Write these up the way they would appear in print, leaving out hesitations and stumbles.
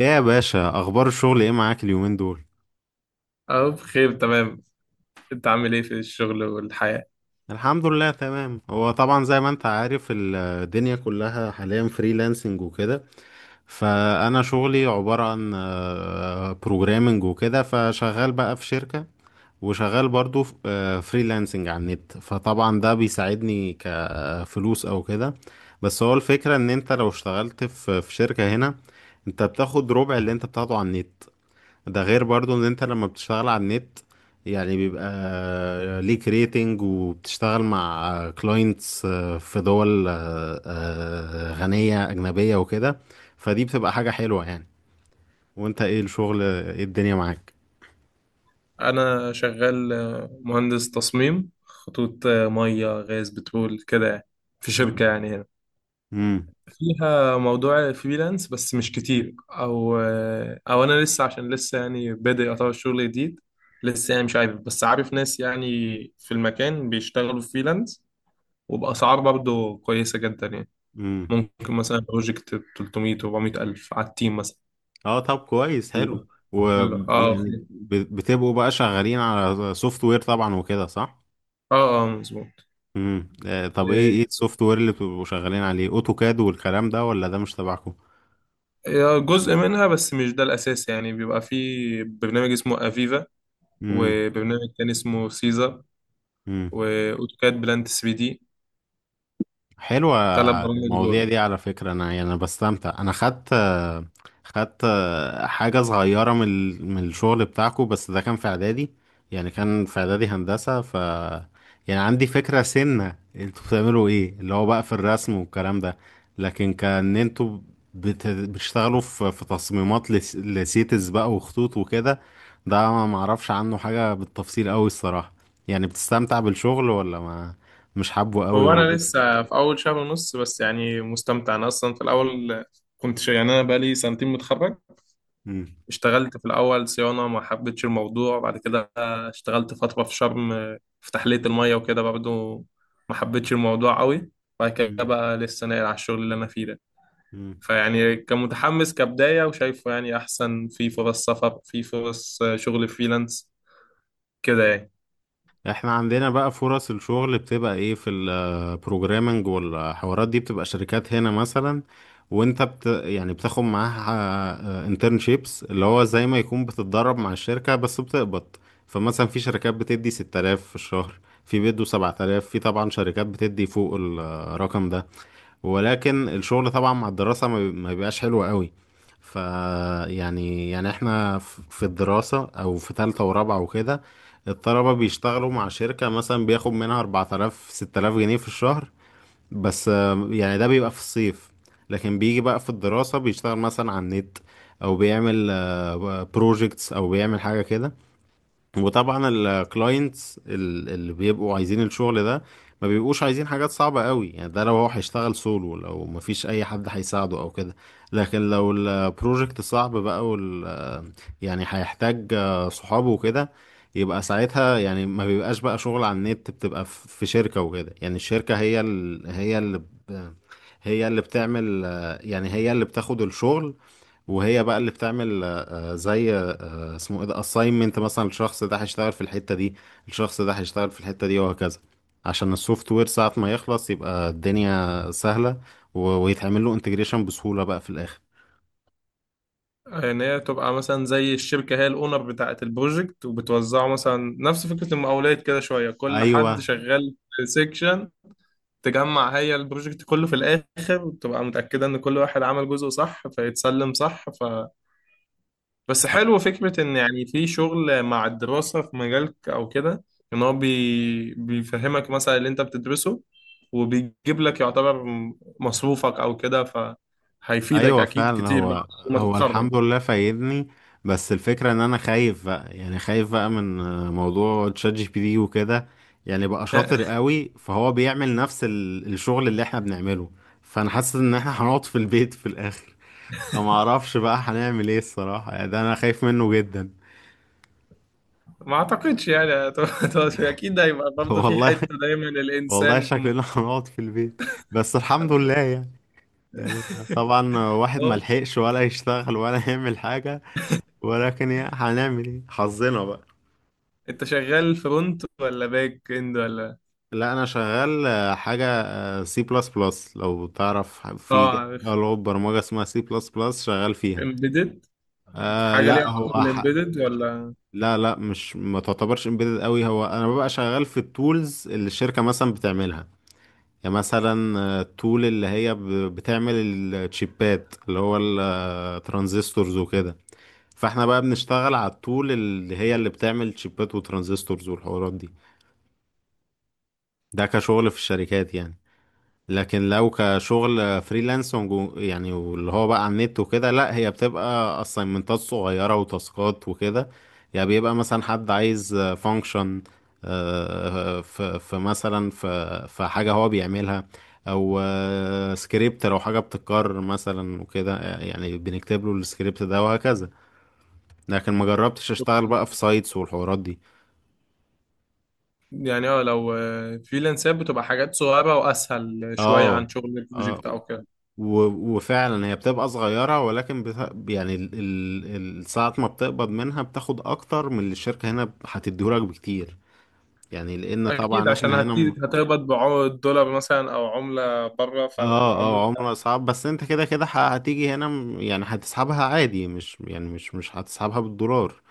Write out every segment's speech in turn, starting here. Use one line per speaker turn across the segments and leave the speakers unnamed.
ايه يا باشا، اخبار الشغل ايه معاك اليومين دول؟
اه بخير تمام. انت عامل ايه في الشغل والحياة؟
الحمد لله تمام. هو طبعا زي ما انت عارف الدنيا كلها حاليا فريلانسنج وكده، فانا شغلي عبارة عن بروجرامنج وكده. فشغال بقى في شركة، وشغال برضو فريلانسنج على النت. فطبعا ده بيساعدني كفلوس او كده. بس هو الفكرة ان انت لو اشتغلت في شركة هنا، انت بتاخد ربع اللي انت بتاخده على النت. ده غير برضو ان انت لما بتشتغل على النت، يعني بيبقى ليك ريتنج وبتشتغل مع كلاينتس في دول غنية أجنبية وكده. فدي بتبقى حاجة حلوة يعني. وانت، ايه الشغل؟ ايه الدنيا معاك؟
انا شغال، مهندس تصميم خطوط، مية غاز بترول كده يعني. في شركة
مم.
يعني هنا،
امم
فيها موضوع فريلانس بس مش كتير، او انا لسه، عشان لسه يعني بادئ اطور شغل جديد. لسه يعني مش عارف بس عارف ناس يعني في المكان بيشتغلوا فريلانس، وبأسعار برضه كويسة جدا يعني.
امم
ممكن مثلا بروجكت 300 400 ألف على التيم مثلا.
اه، طب كويس، حلو.
ال- اه،
ويعني بتبقوا بقى شغالين على سوفت وير طبعا وكده، صح؟
اه، اه، مظبوط.
طب ايه ايه السوفت وير اللي بتبقوا شغالين عليه؟ اوتوكاد والكلام ده، ولا ده مش تبعكم؟
جزء منها بس مش ده الأساس، يعني بيبقى في برنامج اسمه أفيفا، وبرنامج تاني اسمه سيزا،
مم.
وأوتوكاد بلانت 3 دي.
حلوة.
تلات برامج
المواضيع
دول.
دي على فكرة أنا يعني أنا بستمتع. أنا خدت حاجة صغيرة من من الشغل بتاعكو، بس ده كان في إعدادي. يعني كان في إعدادي هندسة، ف يعني عندي فكرة سنة انتوا بتعملوا إيه، اللي هو بقى في الرسم والكلام ده. لكن كان انتوا بتشتغلوا في تصميمات لسيتس بقى وخطوط وكده. ده ما معرفش عنه حاجة بالتفصيل أوي الصراحة. يعني بتستمتع بالشغل ولا ما؟ مش حابه قوي
هو
ولا
أنا
ايه؟
لسه في أول شهر ونص، بس يعني مستمتع. أنا أصلا في الأول يعني أنا بقالي سنتين متخرج.
مم.
اشتغلت في الأول صيانة، ما حبيتش الموضوع. بعد كده اشتغلت فترة في شرم، في تحلية المية وكده برضه، ما حبيتش الموضوع قوي. بعد كده
مم.
بقى لسه ناقل على الشغل اللي أنا فيه ده.
مم.
فيعني كمتحمس كبداية، وشايفه يعني أحسن في فرص سفر، في فرص شغل فريلانس كده يعني.
احنا عندنا بقى فرص الشغل بتبقى ايه في البروجرامنج والحوارات دي، بتبقى شركات هنا مثلا، وانت بت يعني بتاخد معاها انترنشيبس، اللي هو زي ما يكون بتتدرب مع الشركة بس بتقبض. فمثلا في شركات بتدي 6000 في الشهر، في بيدوا 7000، في طبعا شركات بتدي فوق الرقم ده. ولكن الشغل طبعا مع الدراسة ما بيبقاش حلو قوي. ف يعني يعني احنا في الدراسة او في تالتة ورابعة وكده، الطلبة بيشتغلوا مع شركة مثلا، بياخد منها 4000 6000 جنيه في الشهر. بس آه، يعني ده بيبقى في الصيف. لكن بيجي بقى في الدراسة بيشتغل مثلا على النت، او بيعمل بروجيكتس، او بيعمل حاجة كده. وطبعا الكلاينتس اللي بيبقوا عايزين الشغل ده ما بيبقوش عايزين حاجات صعبة قوي، يعني ده لو هو هيشتغل سولو، لو مفيش اي حد هيساعده او كده. لكن لو البروجكت صعب بقى وال يعني هيحتاج صحابه وكده، يبقى ساعتها يعني ما بيبقاش بقى شغل على النت، بتبقى في شركة وكده. يعني الشركة هي هي اللي هي اللي بتعمل، يعني هي اللي بتاخد الشغل. وهي بقى اللي بتعمل زي اسمه ايه ده، assignment، مثلا الشخص ده هيشتغل في الحتة دي، الشخص ده هيشتغل في الحتة دي، وهكذا. عشان السوفت وير ساعة ما يخلص يبقى الدنيا سهلة، ويتعمل له انتجريشن بسهولة بقى في الآخر.
إن هي تبقى مثلا زي الشركة، هي الأونر بتاعة البروجكت وبتوزعه، مثلا نفس فكرة المقاولات كده شوية، كل
ايوه،
حد شغال في سيكشن، تجمع هي البروجكت كله في الآخر وتبقى متأكدة إن كل واحد عمل جزء صح فيتسلم صح. بس حلو فكرة إن يعني في شغل مع الدراسة في مجالك أو كده. إن هو بيفهمك مثلا اللي أنت بتدرسه، وبيجيب لك يعتبر مصروفك أو كده، فهيفيدك
ايوه
أكيد
فعلا.
كتير بقى
هو
لما
هو
تتخرج.
الحمد لله فايدني. بس الفكره ان انا خايف بقى، يعني خايف بقى من موضوع تشات جي بي تي وكده، يعني بقى شاطر قوي. فهو بيعمل نفس الشغل اللي احنا بنعمله. فانا حاسس ان احنا هنقعد في البيت في الاخر. فما اعرفش بقى هنعمل ايه الصراحه. يعني ده انا خايف منه جدا.
ما أعتقدش يعني. أكيد هيبقى برضه في
والله،
حتة دايما
والله
الإنسان.
شكلنا هنقعد في البيت. بس الحمد لله يعني. يعني طبعا واحد ما
هو
لحقش ولا يشتغل ولا يعمل حاجه، ولكن يا هنعمل ايه، حظنا بقى.
أنت شغال فرونت ولا باك إند ولا؟
لا، انا شغال حاجه سي بلس بلس، لو تعرف في
آه عارف.
لغه برمجه اسمها سي بلس بلس شغال فيها.
إمبيدد؟
آه
حاجة ليها
لا،
علاقة بالإمبيدد ولا؟
لا لا، مش، ما تعتبرش امبيدد قوي. هو انا ببقى شغال في التولز اللي الشركه مثلا بتعملها. يعني مثلا التول اللي هي بتعمل الشيبات، اللي هو الترانزستورز وكده. فاحنا بقى بنشتغل على التول اللي هي اللي بتعمل شيبات وترانزستورز والحوارات دي. ده كشغل في الشركات يعني. لكن لو كشغل فريلانس يعني واللي هو بقى على النت وكده، لا هي بتبقى اساينمنتات صغيرة وتاسكات وكده. يعني بيبقى مثلا حد عايز فانكشن في مثلا في حاجة هو بيعملها، او سكريبت لو حاجة بتتكرر مثلا وكده، يعني بنكتب له السكريبت ده، وهكذا. لكن ما جربتش اشتغل بقى في سايتس والحوارات دي.
يعني اه، لو فريلانسات بتبقى حاجات صغيرة وأسهل شوية
اه،
عن شغل
اه.
البروجكت أو كده.
وفعلا هي بتبقى صغيرة، ولكن يعني ساعة ما بتقبض منها بتاخد أكتر من اللي الشركة هنا هتديهولك بكتير. يعني لأن
أكيد
طبعا
عشان
احنا هنا.
هتقبض بالدولار مثلا أو عملة بره، فرق
اه،
العملة.
اه. عمرها صعب. بس انت كده كده هتيجي هنا، يعني هتسحبها عادي، مش يعني مش هتسحبها بالدولار.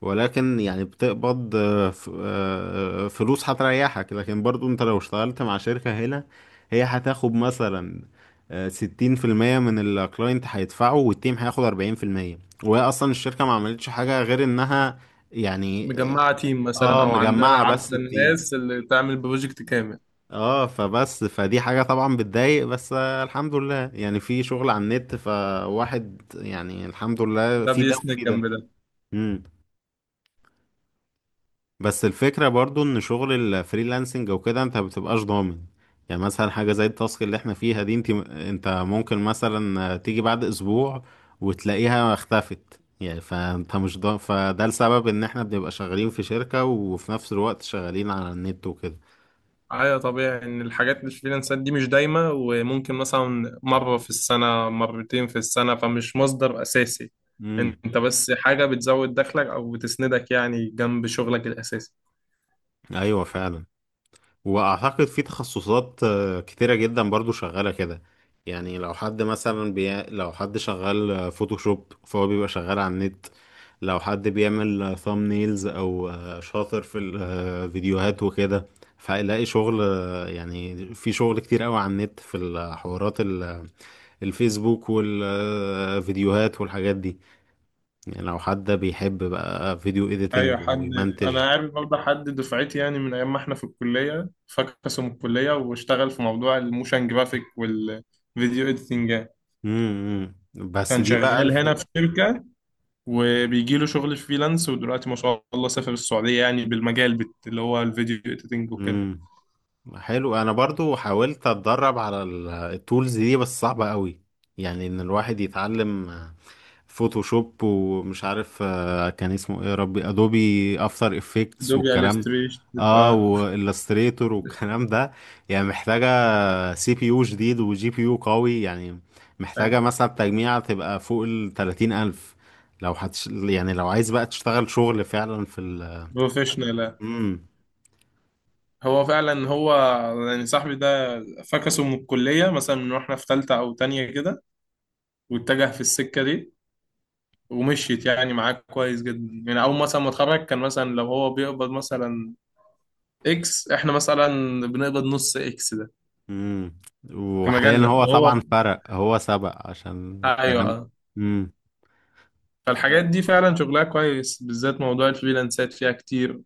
ولكن يعني بتقبض، فلوس هتريحك. لكن برضو انت لو اشتغلت مع شركة هنا، هي هتاخد مثلا ستين في المية من الكلاينت هيدفعه، والتيم هياخد أربعين في المية. وهي أصلا الشركة ما عملتش حاجة غير إنها يعني،
مجمعة تيم مثلا،
اه،
أو عندها
مجمعة
عارفة
بس التيم.
الناس اللي تعمل بروجكت كامل.
اه. فبس فدي حاجة طبعا بتضايق. بس آه، الحمد لله يعني في شغل على النت. فواحد يعني الحمد لله،
ده
في ده
بيسند
وفي
جنب
ده.
ده.
امم. بس الفكرة برضو ان شغل الفريلانسنج وكده، انت مبتبقاش ضامن. يعني مثلا حاجة زي التاسك اللي احنا فيها دي، انت ممكن مثلا تيجي بعد اسبوع وتلاقيها اختفت، يعني فانت مش ضامن. فده السبب ان احنا بنبقى شغالين في شركة وفي نفس الوقت شغالين على النت وكده.
أيوة، طبيعي إن الحاجات الفريلانسات دي مش دايمة، وممكن مثلا مرة في السنة، مرتين في السنة، فمش مصدر أساسي.
امم.
أنت بس حاجة بتزود دخلك أو بتسندك يعني جنب شغلك الأساسي.
ايوه فعلا. واعتقد في تخصصات كتيرة جدا برضو شغالة كده. يعني لو حد مثلا لو حد شغال فوتوشوب، فهو بيبقى شغال على النت. لو حد بيعمل ثامنيلز، او شاطر في الفيديوهات وكده، فهيلاقي شغل. يعني في شغل كتير قوي على النت في الحوارات الفيسبوك والفيديوهات والحاجات دي. يعني لو حد بيحب بقى فيديو
ايوه
اديتنج
حد.
ويمنتج.
انا عارف برضه حد دفعتي، يعني من ايام ما احنا في الكليه، فكسوا من الكليه واشتغل في موضوع الموشن جرافيك والفيديو اديتنج يعني.
امم. بس
كان
دي بقى
شغال هنا في شركه، وبيجي له شغل فريلانس، ودلوقتي ما شاء الله سافر السعوديه، يعني بالمجال اللي هو الفيديو اديتنج وكده.
مم. حلو. انا برضو حاولت اتدرب على التولز دي، بس صعبة قوي. يعني ان الواحد يتعلم فوتوشوب، ومش عارف كان اسمه ايه يا ربي، ادوبي افتر افكتس
ادوبي
والكلام، Illustrator.
الستريشن
اه،
بتبقى.
والستريتور والكلام ده، يعني محتاجة سي بي يو جديد وجي بي يو قوي يعني. محتاجة مثلا تجميعة تبقى فوق ال 30 ألف، لو يعني لو عايز بقى تشتغل شغل فعلا في ال
بروفيشنال.
مم.
هو فعلا هو يعني صاحبي ده فكسه من الكليه، مثلا من واحنا في ثالثه او تانية كده، واتجه في السكه دي، ومشيت يعني معاك كويس جدا، يعني اول مثلا ما اتخرج كان مثلا لو هو بيقبض مثلا اكس، احنا مثلا بنقبض نص اكس ده.
امم.
في
وحاليا
مجالنا
هو طبعا
وهو،
فرق، هو سبق عشان الكلام ده.
ايوه.
امم. ف
فالحاجات دي فعلا شغلها كويس، بالذات موضوع الفريلانسات فيها كتير.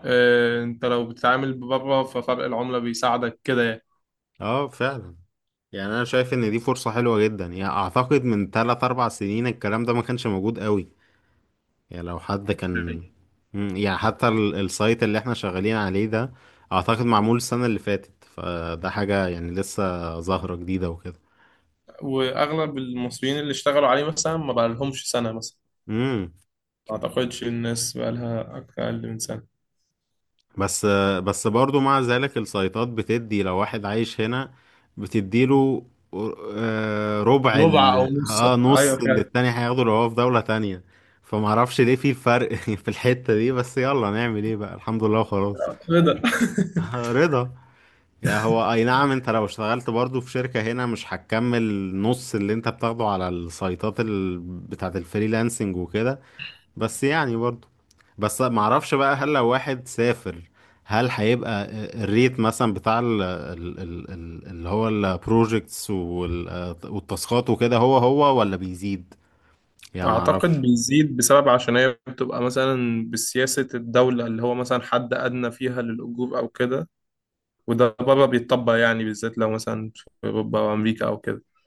اه انت لو بتتعامل بره ففرق العملة بيساعدك كده
اه فعلا. يعني انا شايف ان دي فرصة حلوة جدا. يعني اعتقد من 3 4 سنين الكلام ده ما كانش موجود قوي. يعني لو حد
يعني.
كان مم، يعني حتى السايت اللي احنا شغالين عليه ده، اعتقد معمول السنة اللي فاتت. فده حاجة يعني لسه ظاهرة جديدة وكده.
واغلب المصريين اللي اشتغلوا عليه مثلا ما بقى لهمش سنة مثلا.
امم.
ما اعتقدش الناس بقى لها اقل من سنة.
بس، بس برضو مع ذلك السيطات بتدي لو واحد عايش هنا، بتديله ربع
ربع او نص.
اه نص
ايوه
اللي
فعلا.
التاني هياخده لو هو في دولة تانية. فمعرفش ليه في الفرق في الحتة دي. بس يلا نعمل ايه بقى، الحمد لله وخلاص.
ايه ده؟
رضا. يعني هو اي نعم، انت لو اشتغلت برضو في شركة هنا مش هتكمل نص اللي انت بتاخده على السيطات بتاعت الفريلانسنج وكده. بس يعني برضو، بس معرفش بقى هل لو واحد سافر، هل هيبقى الريت مثلا بتاع ال ال ال ال اللي هو البروجكتس والتاسكات وكده، هو هو ولا بيزيد؟ يعني
أعتقد
معرفش.
بيزيد، بسبب عشان هي بتبقى مثلا بسياسة الدولة، اللي هو مثلا حد أدنى فيها للأجور أو كده، وده بره بيتطبق، يعني بالذات لو مثلا في أوروبا أو أمريكا أو كده.